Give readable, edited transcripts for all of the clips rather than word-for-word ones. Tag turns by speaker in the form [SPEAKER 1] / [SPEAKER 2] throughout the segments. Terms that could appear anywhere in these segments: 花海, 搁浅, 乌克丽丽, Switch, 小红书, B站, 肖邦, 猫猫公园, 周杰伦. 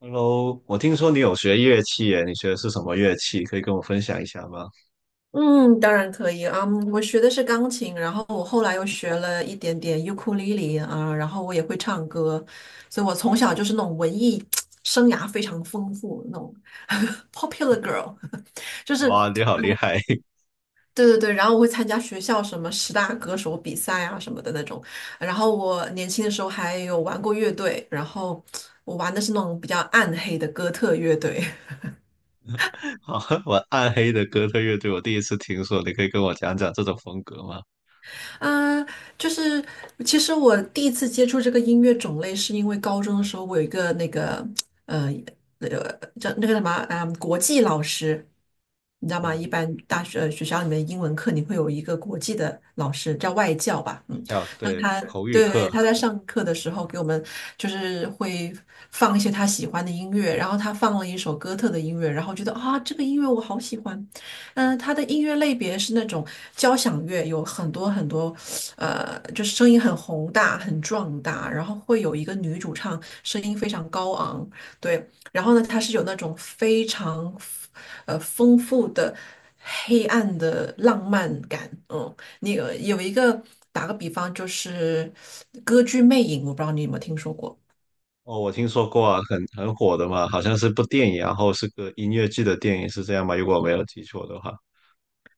[SPEAKER 1] Hello，我听说你有学乐器耶，你学的是什么乐器？可以跟我分享一下吗？
[SPEAKER 2] 嗯，当然可以啊。嗯我学的是钢琴，然后我后来又学了一点点尤克里里啊，然后我也会唱歌，所以我从小就是那种文艺 生涯非常丰富那种 popular girl，就是
[SPEAKER 1] 哇，你好厉害！
[SPEAKER 2] 对对对。然后我会参加学校什么十大歌手比赛啊什么的那种。然后我年轻的时候还有玩过乐队，然后我玩的是那种比较暗黑的哥特乐队。
[SPEAKER 1] 好，我暗黑的哥特乐队，我第一次听说，你可以跟我讲讲这种风格吗？
[SPEAKER 2] 啊，就是其实我第一次接触这个音乐种类，是因为高中的时候我有一个那个呃呃叫那个什么国际老师，你知道吗？
[SPEAKER 1] 啊，
[SPEAKER 2] 一般学校里面英文课你会有一个国际的老师，叫外教吧，嗯，
[SPEAKER 1] 叫
[SPEAKER 2] 那
[SPEAKER 1] 对
[SPEAKER 2] 他
[SPEAKER 1] 口语
[SPEAKER 2] 对对
[SPEAKER 1] 课。
[SPEAKER 2] 他在上课的时候给我们就是会放一些他喜欢的音乐，然后他放了一首哥特的音乐，然后觉得啊这个音乐我好喜欢，嗯，它的音乐类别是那种交响乐，有很多很多，就是声音很宏大、很壮大，然后会有一个女主唱，声音非常高昂，对，然后呢，它是有那种非常，丰富的黑暗的浪漫感，嗯，你呃有一个打个比方，就是歌剧《魅影》，我不知道你有没有听说过。
[SPEAKER 1] 哦，我听说过啊，很火的嘛，好像是部电影，然后是个音乐剧的电影，是这样吗？如果我没有记错的话，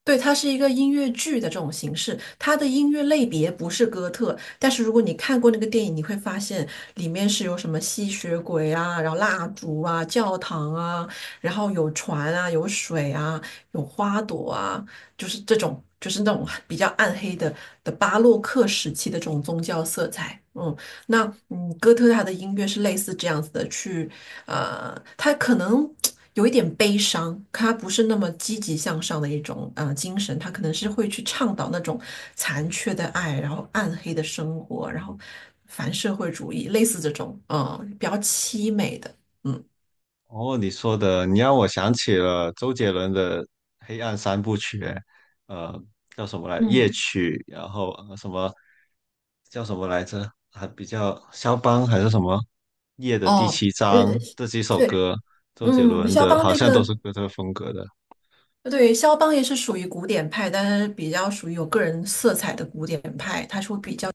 [SPEAKER 2] 对，它是一个音乐剧的这种形式，它的音乐类别不是哥特，但是如果你看过那个电影，你会发现里面是有什么吸血鬼啊，然后蜡烛啊，教堂啊，然后有船啊，有水啊，有花朵啊，就是这种，就是那种比较暗黑的巴洛克时期的这种宗教色彩。嗯，那哥特他的音乐是类似这样子的，他可能有一点悲伤，他不是那么积极向上的一种精神，他可能是会去倡导那种残缺的爱，然后暗黑的生活，然后反社会主义，类似这种比较凄美的，嗯
[SPEAKER 1] 哦，你说的，你让我想起了周杰伦的黑暗三部曲，呃，叫什么来？夜
[SPEAKER 2] 嗯，
[SPEAKER 1] 曲，然后什么叫什么来着？还比较肖邦还是什么？夜的第
[SPEAKER 2] 哦
[SPEAKER 1] 七
[SPEAKER 2] 呃
[SPEAKER 1] 章这几首
[SPEAKER 2] 对，
[SPEAKER 1] 歌，周杰
[SPEAKER 2] 嗯，
[SPEAKER 1] 伦
[SPEAKER 2] 肖
[SPEAKER 1] 的
[SPEAKER 2] 邦
[SPEAKER 1] 好像都是哥特风格的。
[SPEAKER 2] 对，肖邦也是属于古典派，但是比较属于有个人色彩的古典派，他是会比较。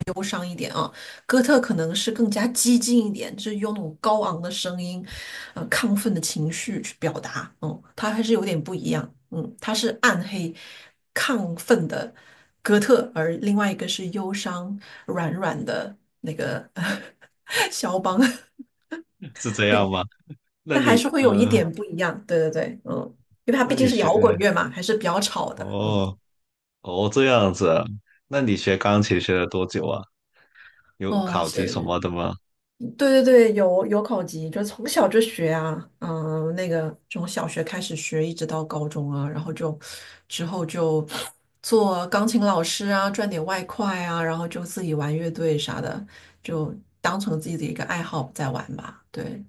[SPEAKER 2] 哥特可能是更加激进一点，就是用那种高昂的声音，亢奋的情绪去表达。嗯，它还是有点不一样。嗯，它是暗黑、亢奋的哥特，而另外一个是忧伤、软软的那个 肖邦。
[SPEAKER 1] 是 这样
[SPEAKER 2] 对，
[SPEAKER 1] 吗？那
[SPEAKER 2] 但还是
[SPEAKER 1] 你
[SPEAKER 2] 会有一
[SPEAKER 1] 呃，
[SPEAKER 2] 点不一样。对对对，嗯，因为它
[SPEAKER 1] 那
[SPEAKER 2] 毕竟
[SPEAKER 1] 你
[SPEAKER 2] 是
[SPEAKER 1] 学。
[SPEAKER 2] 摇滚乐嘛，还是比较吵的。嗯，
[SPEAKER 1] 哦。哦这样子啊，那你学钢琴学了多久啊？有
[SPEAKER 2] 哦，
[SPEAKER 1] 考级什
[SPEAKER 2] 是
[SPEAKER 1] 么的吗？
[SPEAKER 2] 对对对，有考级，就从小就学啊，嗯，那个从小学开始学，一直到高中啊，然后就之后就做钢琴老师啊，赚点外快啊，然后就自己玩乐队啥的，就当成自己的一个爱好在玩吧。对，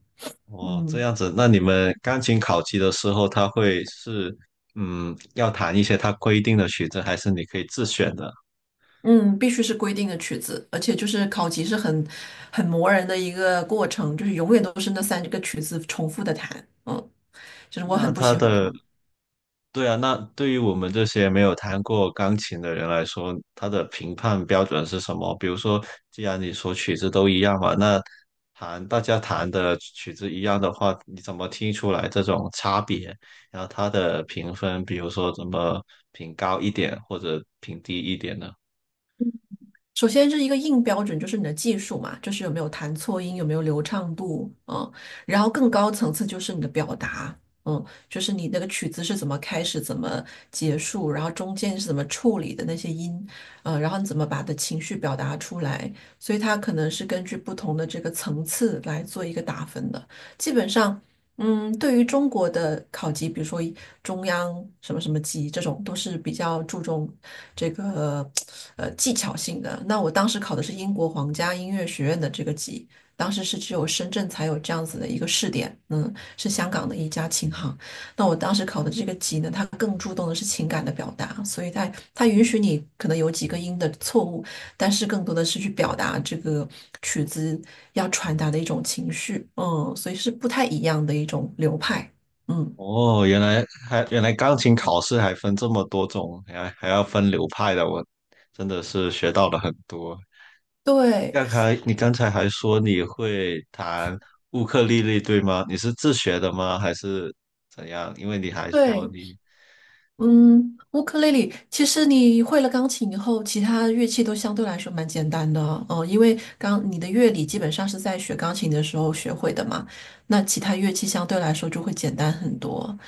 [SPEAKER 1] 哦，这
[SPEAKER 2] 嗯
[SPEAKER 1] 样子，那你们钢琴考级的时候，他会要弹一些他规定的曲子，还是你可以自选的？
[SPEAKER 2] 嗯，必须是规定的曲子，而且就是考级是很磨人的一个过程，就是永远都是那三个曲子重复的弹，嗯，就是我
[SPEAKER 1] 那
[SPEAKER 2] 很不
[SPEAKER 1] 他
[SPEAKER 2] 喜欢
[SPEAKER 1] 的，
[SPEAKER 2] 考。
[SPEAKER 1] 对啊，那对于我们这些没有弹过钢琴的人来说，他的评判标准是什么？比如说，既然你说曲子都一样嘛，那弹大家弹的曲子一样的话，你怎么听出来这种差别？然后他的评分，比如说怎么评高一点或者评低一点呢？
[SPEAKER 2] 首先是一个硬标准，就是你的技术嘛，就是有没有弹错音，有没有流畅度，嗯，然后更高层次就是你的表达，嗯，就是你那个曲子是怎么开始，怎么结束，然后中间是怎么处理的那些音，嗯，然后你怎么把的情绪表达出来，所以它可能是根据不同的这个层次来做一个打分的。基本上嗯，对于中国的考级，比如说中央什么什么级这种，都是比较注重这个技巧性的。那我当时考的是英国皇家音乐学院的这个级，当时是只有深圳才有这样子的一个试点，嗯，是香港的一家琴行。那我当时考的这个级呢，它更注重的是情感的表达，所以它允许你可能有几个音的错误，但是更多的是去表达这个曲子要传达的一种情绪，嗯，所以是不太一样的一种流派，嗯，
[SPEAKER 1] 哦，原来钢琴考试还分这么多种，还要分流派的，我真的是学到了很多。
[SPEAKER 2] 对
[SPEAKER 1] 刚才你还说你会弹乌克丽丽，对吗？你是自学的吗？还是怎样？因为你还说
[SPEAKER 2] 对，
[SPEAKER 1] 你。
[SPEAKER 2] 嗯，乌克丽丽，其实你会了钢琴以后，其他乐器都相对来说蛮简单的，嗯，因为你的乐理基本上是在学钢琴的时候学会的嘛，那其他乐器相对来说就会简单很多。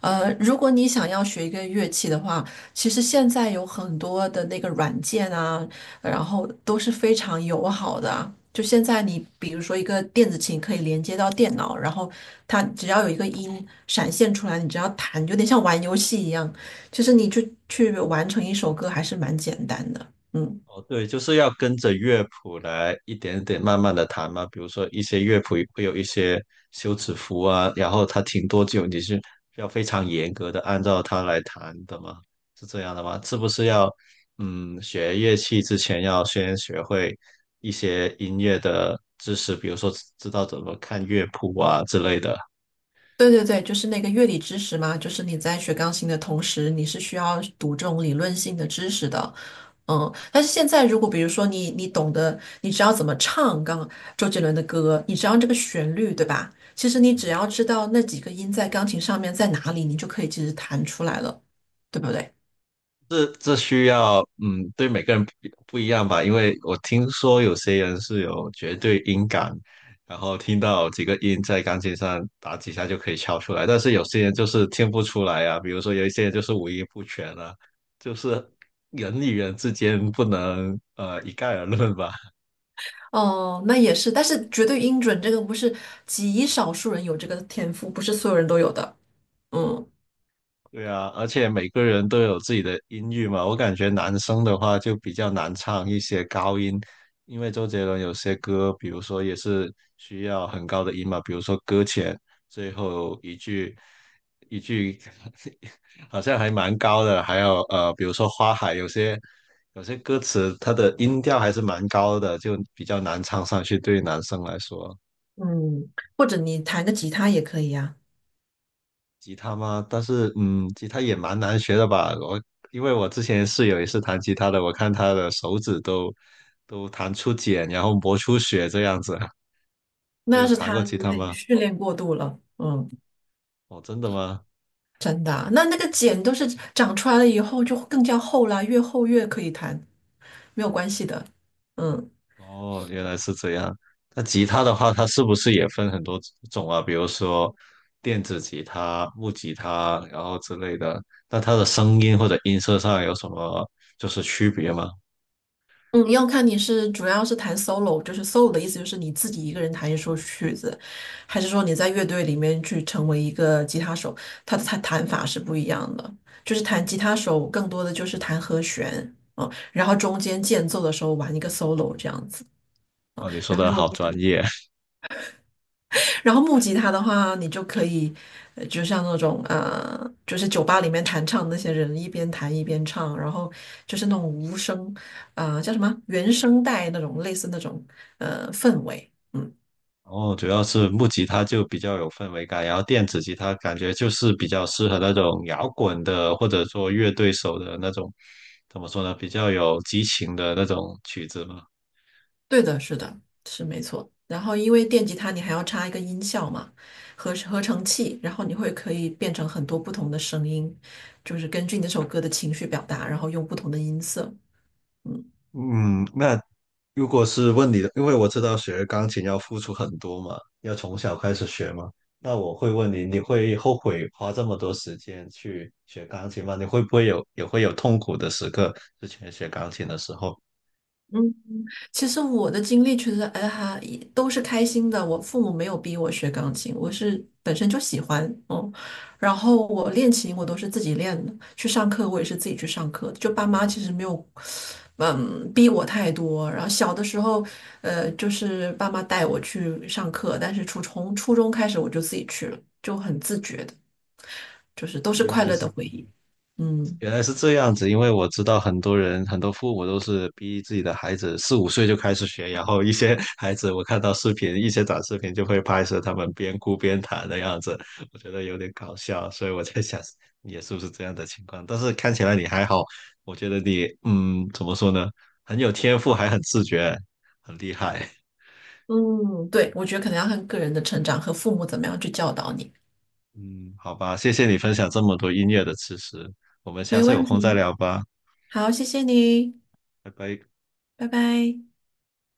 [SPEAKER 2] 如果你想要学一个乐器的话，其实现在有很多的那个软件啊，然后都是非常友好的啊。就现在你比如说一个电子琴可以连接到电脑，然后它只要有一个音闪现出来，你只要弹，有点像玩游戏一样。其实你就去完成一首歌还是蛮简单的，嗯，
[SPEAKER 1] 哦，对，就是要跟着乐谱来一点点慢慢的弹嘛。比如说一些乐谱会有一些休止符啊，然后它停多久，你是要非常严格的按照它来弹的吗？是这样的吗？是不是要学乐器之前要先学会一些音乐的知识，比如说知道怎么看乐谱啊之类的？
[SPEAKER 2] 对对对，就是那个乐理知识嘛，就是你在学钢琴的同时，你是需要读这种理论性的知识的，嗯，但是现在如果比如说你懂得，你知道怎么唱周杰伦的歌，你知道这个旋律，对吧？其实你只要知道那几个音在钢琴上面在哪里，你就可以其实弹出来了，对不对？
[SPEAKER 1] 这这需要，嗯，对每个人不一样吧，因为我听说有些人是有绝对音感，然后听到几个音在钢琴上打几下就可以敲出来，但是有些人就是听不出来啊，比如说有一些人就是五音不全啊，就是人与人之间不能一概而论吧。
[SPEAKER 2] 哦，那也是，但是绝对音准这个不是极少数人有这个天赋，不是所有人都有的，嗯。
[SPEAKER 1] 对啊，而且每个人都有自己的音域嘛。我感觉男生的话就比较难唱一些高音，因为周杰伦有些歌，比如说也是需要很高的音嘛，比如说《搁浅》最后一句 好像还蛮高的，比如说《花海》，有些歌词它的音调还是蛮高的，就比较难唱上去，对于男生来说。
[SPEAKER 2] 嗯，或者你弹个吉他也可以呀、
[SPEAKER 1] 吉他吗？但是，嗯，吉他也蛮难学的吧？因为我之前室友也是弹吉他的，我看他的手指都弹出茧，然后磨出血这样子。你
[SPEAKER 2] 那要
[SPEAKER 1] 有
[SPEAKER 2] 是
[SPEAKER 1] 弹过
[SPEAKER 2] 他
[SPEAKER 1] 吉
[SPEAKER 2] 有
[SPEAKER 1] 他
[SPEAKER 2] 点
[SPEAKER 1] 吗？
[SPEAKER 2] 训练过度了，嗯，
[SPEAKER 1] 哦，真的吗？
[SPEAKER 2] 真的啊那个茧都是长出来了以后就更加厚啦，越厚越可以弹，没有关系的。嗯
[SPEAKER 1] 哦，原来是这样。那吉他的话，它是不是也分很多种啊？比如说电子吉他、木吉他，然后之类的。那它的声音或者音色上有什么就是区别吗？
[SPEAKER 2] 嗯，要看主要是弹 solo，就是 solo 的意思就是你自己一个人弹一首曲子，还是说你在乐队里面去成为一个吉他手，它的弹法是不一样的。就是弹吉他手更多的就是弹和弦，嗯，然后中间间奏的时候玩一个 solo 这样子。
[SPEAKER 1] 哦，你说
[SPEAKER 2] 然后
[SPEAKER 1] 的
[SPEAKER 2] 如果
[SPEAKER 1] 好专
[SPEAKER 2] 是
[SPEAKER 1] 业。
[SPEAKER 2] 然后木吉他的话，你就可以，就像那种就是酒吧里面弹唱那些人一边弹一边唱，然后就是那种无声，叫什么原声带那种类似那种氛围。嗯，
[SPEAKER 1] 然后主要是木吉他就比较有氛围感，然后电子吉他感觉就是比较适合那种摇滚的，或者说乐队手的那种，怎么说呢，比较有激情的那种曲子嘛。
[SPEAKER 2] 对的，是的，是没错。然后因为电吉他你还要插一个音效嘛，合成器，然后你会可以变成很多不同的声音，就是根据你那首歌的情绪表达，然后用不同的音色。
[SPEAKER 1] 嗯，那如果是问你的，因为我知道学钢琴要付出很多嘛，要从小开始学嘛，那我会问你，你会后悔花这么多时间去学钢琴吗？你会不会也会有痛苦的时刻？之前学钢琴的时候，
[SPEAKER 2] 嗯。其实我的经历其实，哎哈，也都是开心的。我父母没有逼我学钢琴，我是本身就喜欢，嗯。然后我练琴，我都是自己练的，去上课我也是自己去上课的就爸妈其实没有，嗯，逼我太多。然后小的时候，就是爸妈带我去上课，但是从初中开始我就自己去了，就很自觉的，就是都是
[SPEAKER 1] 原
[SPEAKER 2] 快
[SPEAKER 1] 来
[SPEAKER 2] 乐的
[SPEAKER 1] 是。
[SPEAKER 2] 回忆。嗯
[SPEAKER 1] 原来是这样子，因为我知道很多人，很多父母都是逼自己的孩子四五岁就开始学，然后一些 孩子我看到视频，一些短视频就会拍摄他们边哭边弹的样子，我觉得有点搞笑，所以我在想你也是不是这样的情况？但是看起来你还好，我觉得你怎么说呢，很有天赋，还很自觉，很厉害。
[SPEAKER 2] 嗯，对，我觉得可能要看个人的成长和父母怎么样去教导你。
[SPEAKER 1] 嗯，好吧，谢谢你分享这么多音乐的知识，我们下
[SPEAKER 2] 没
[SPEAKER 1] 次有
[SPEAKER 2] 问
[SPEAKER 1] 空再
[SPEAKER 2] 题。
[SPEAKER 1] 聊吧，
[SPEAKER 2] 好，谢谢你，
[SPEAKER 1] 拜拜。
[SPEAKER 2] 拜拜。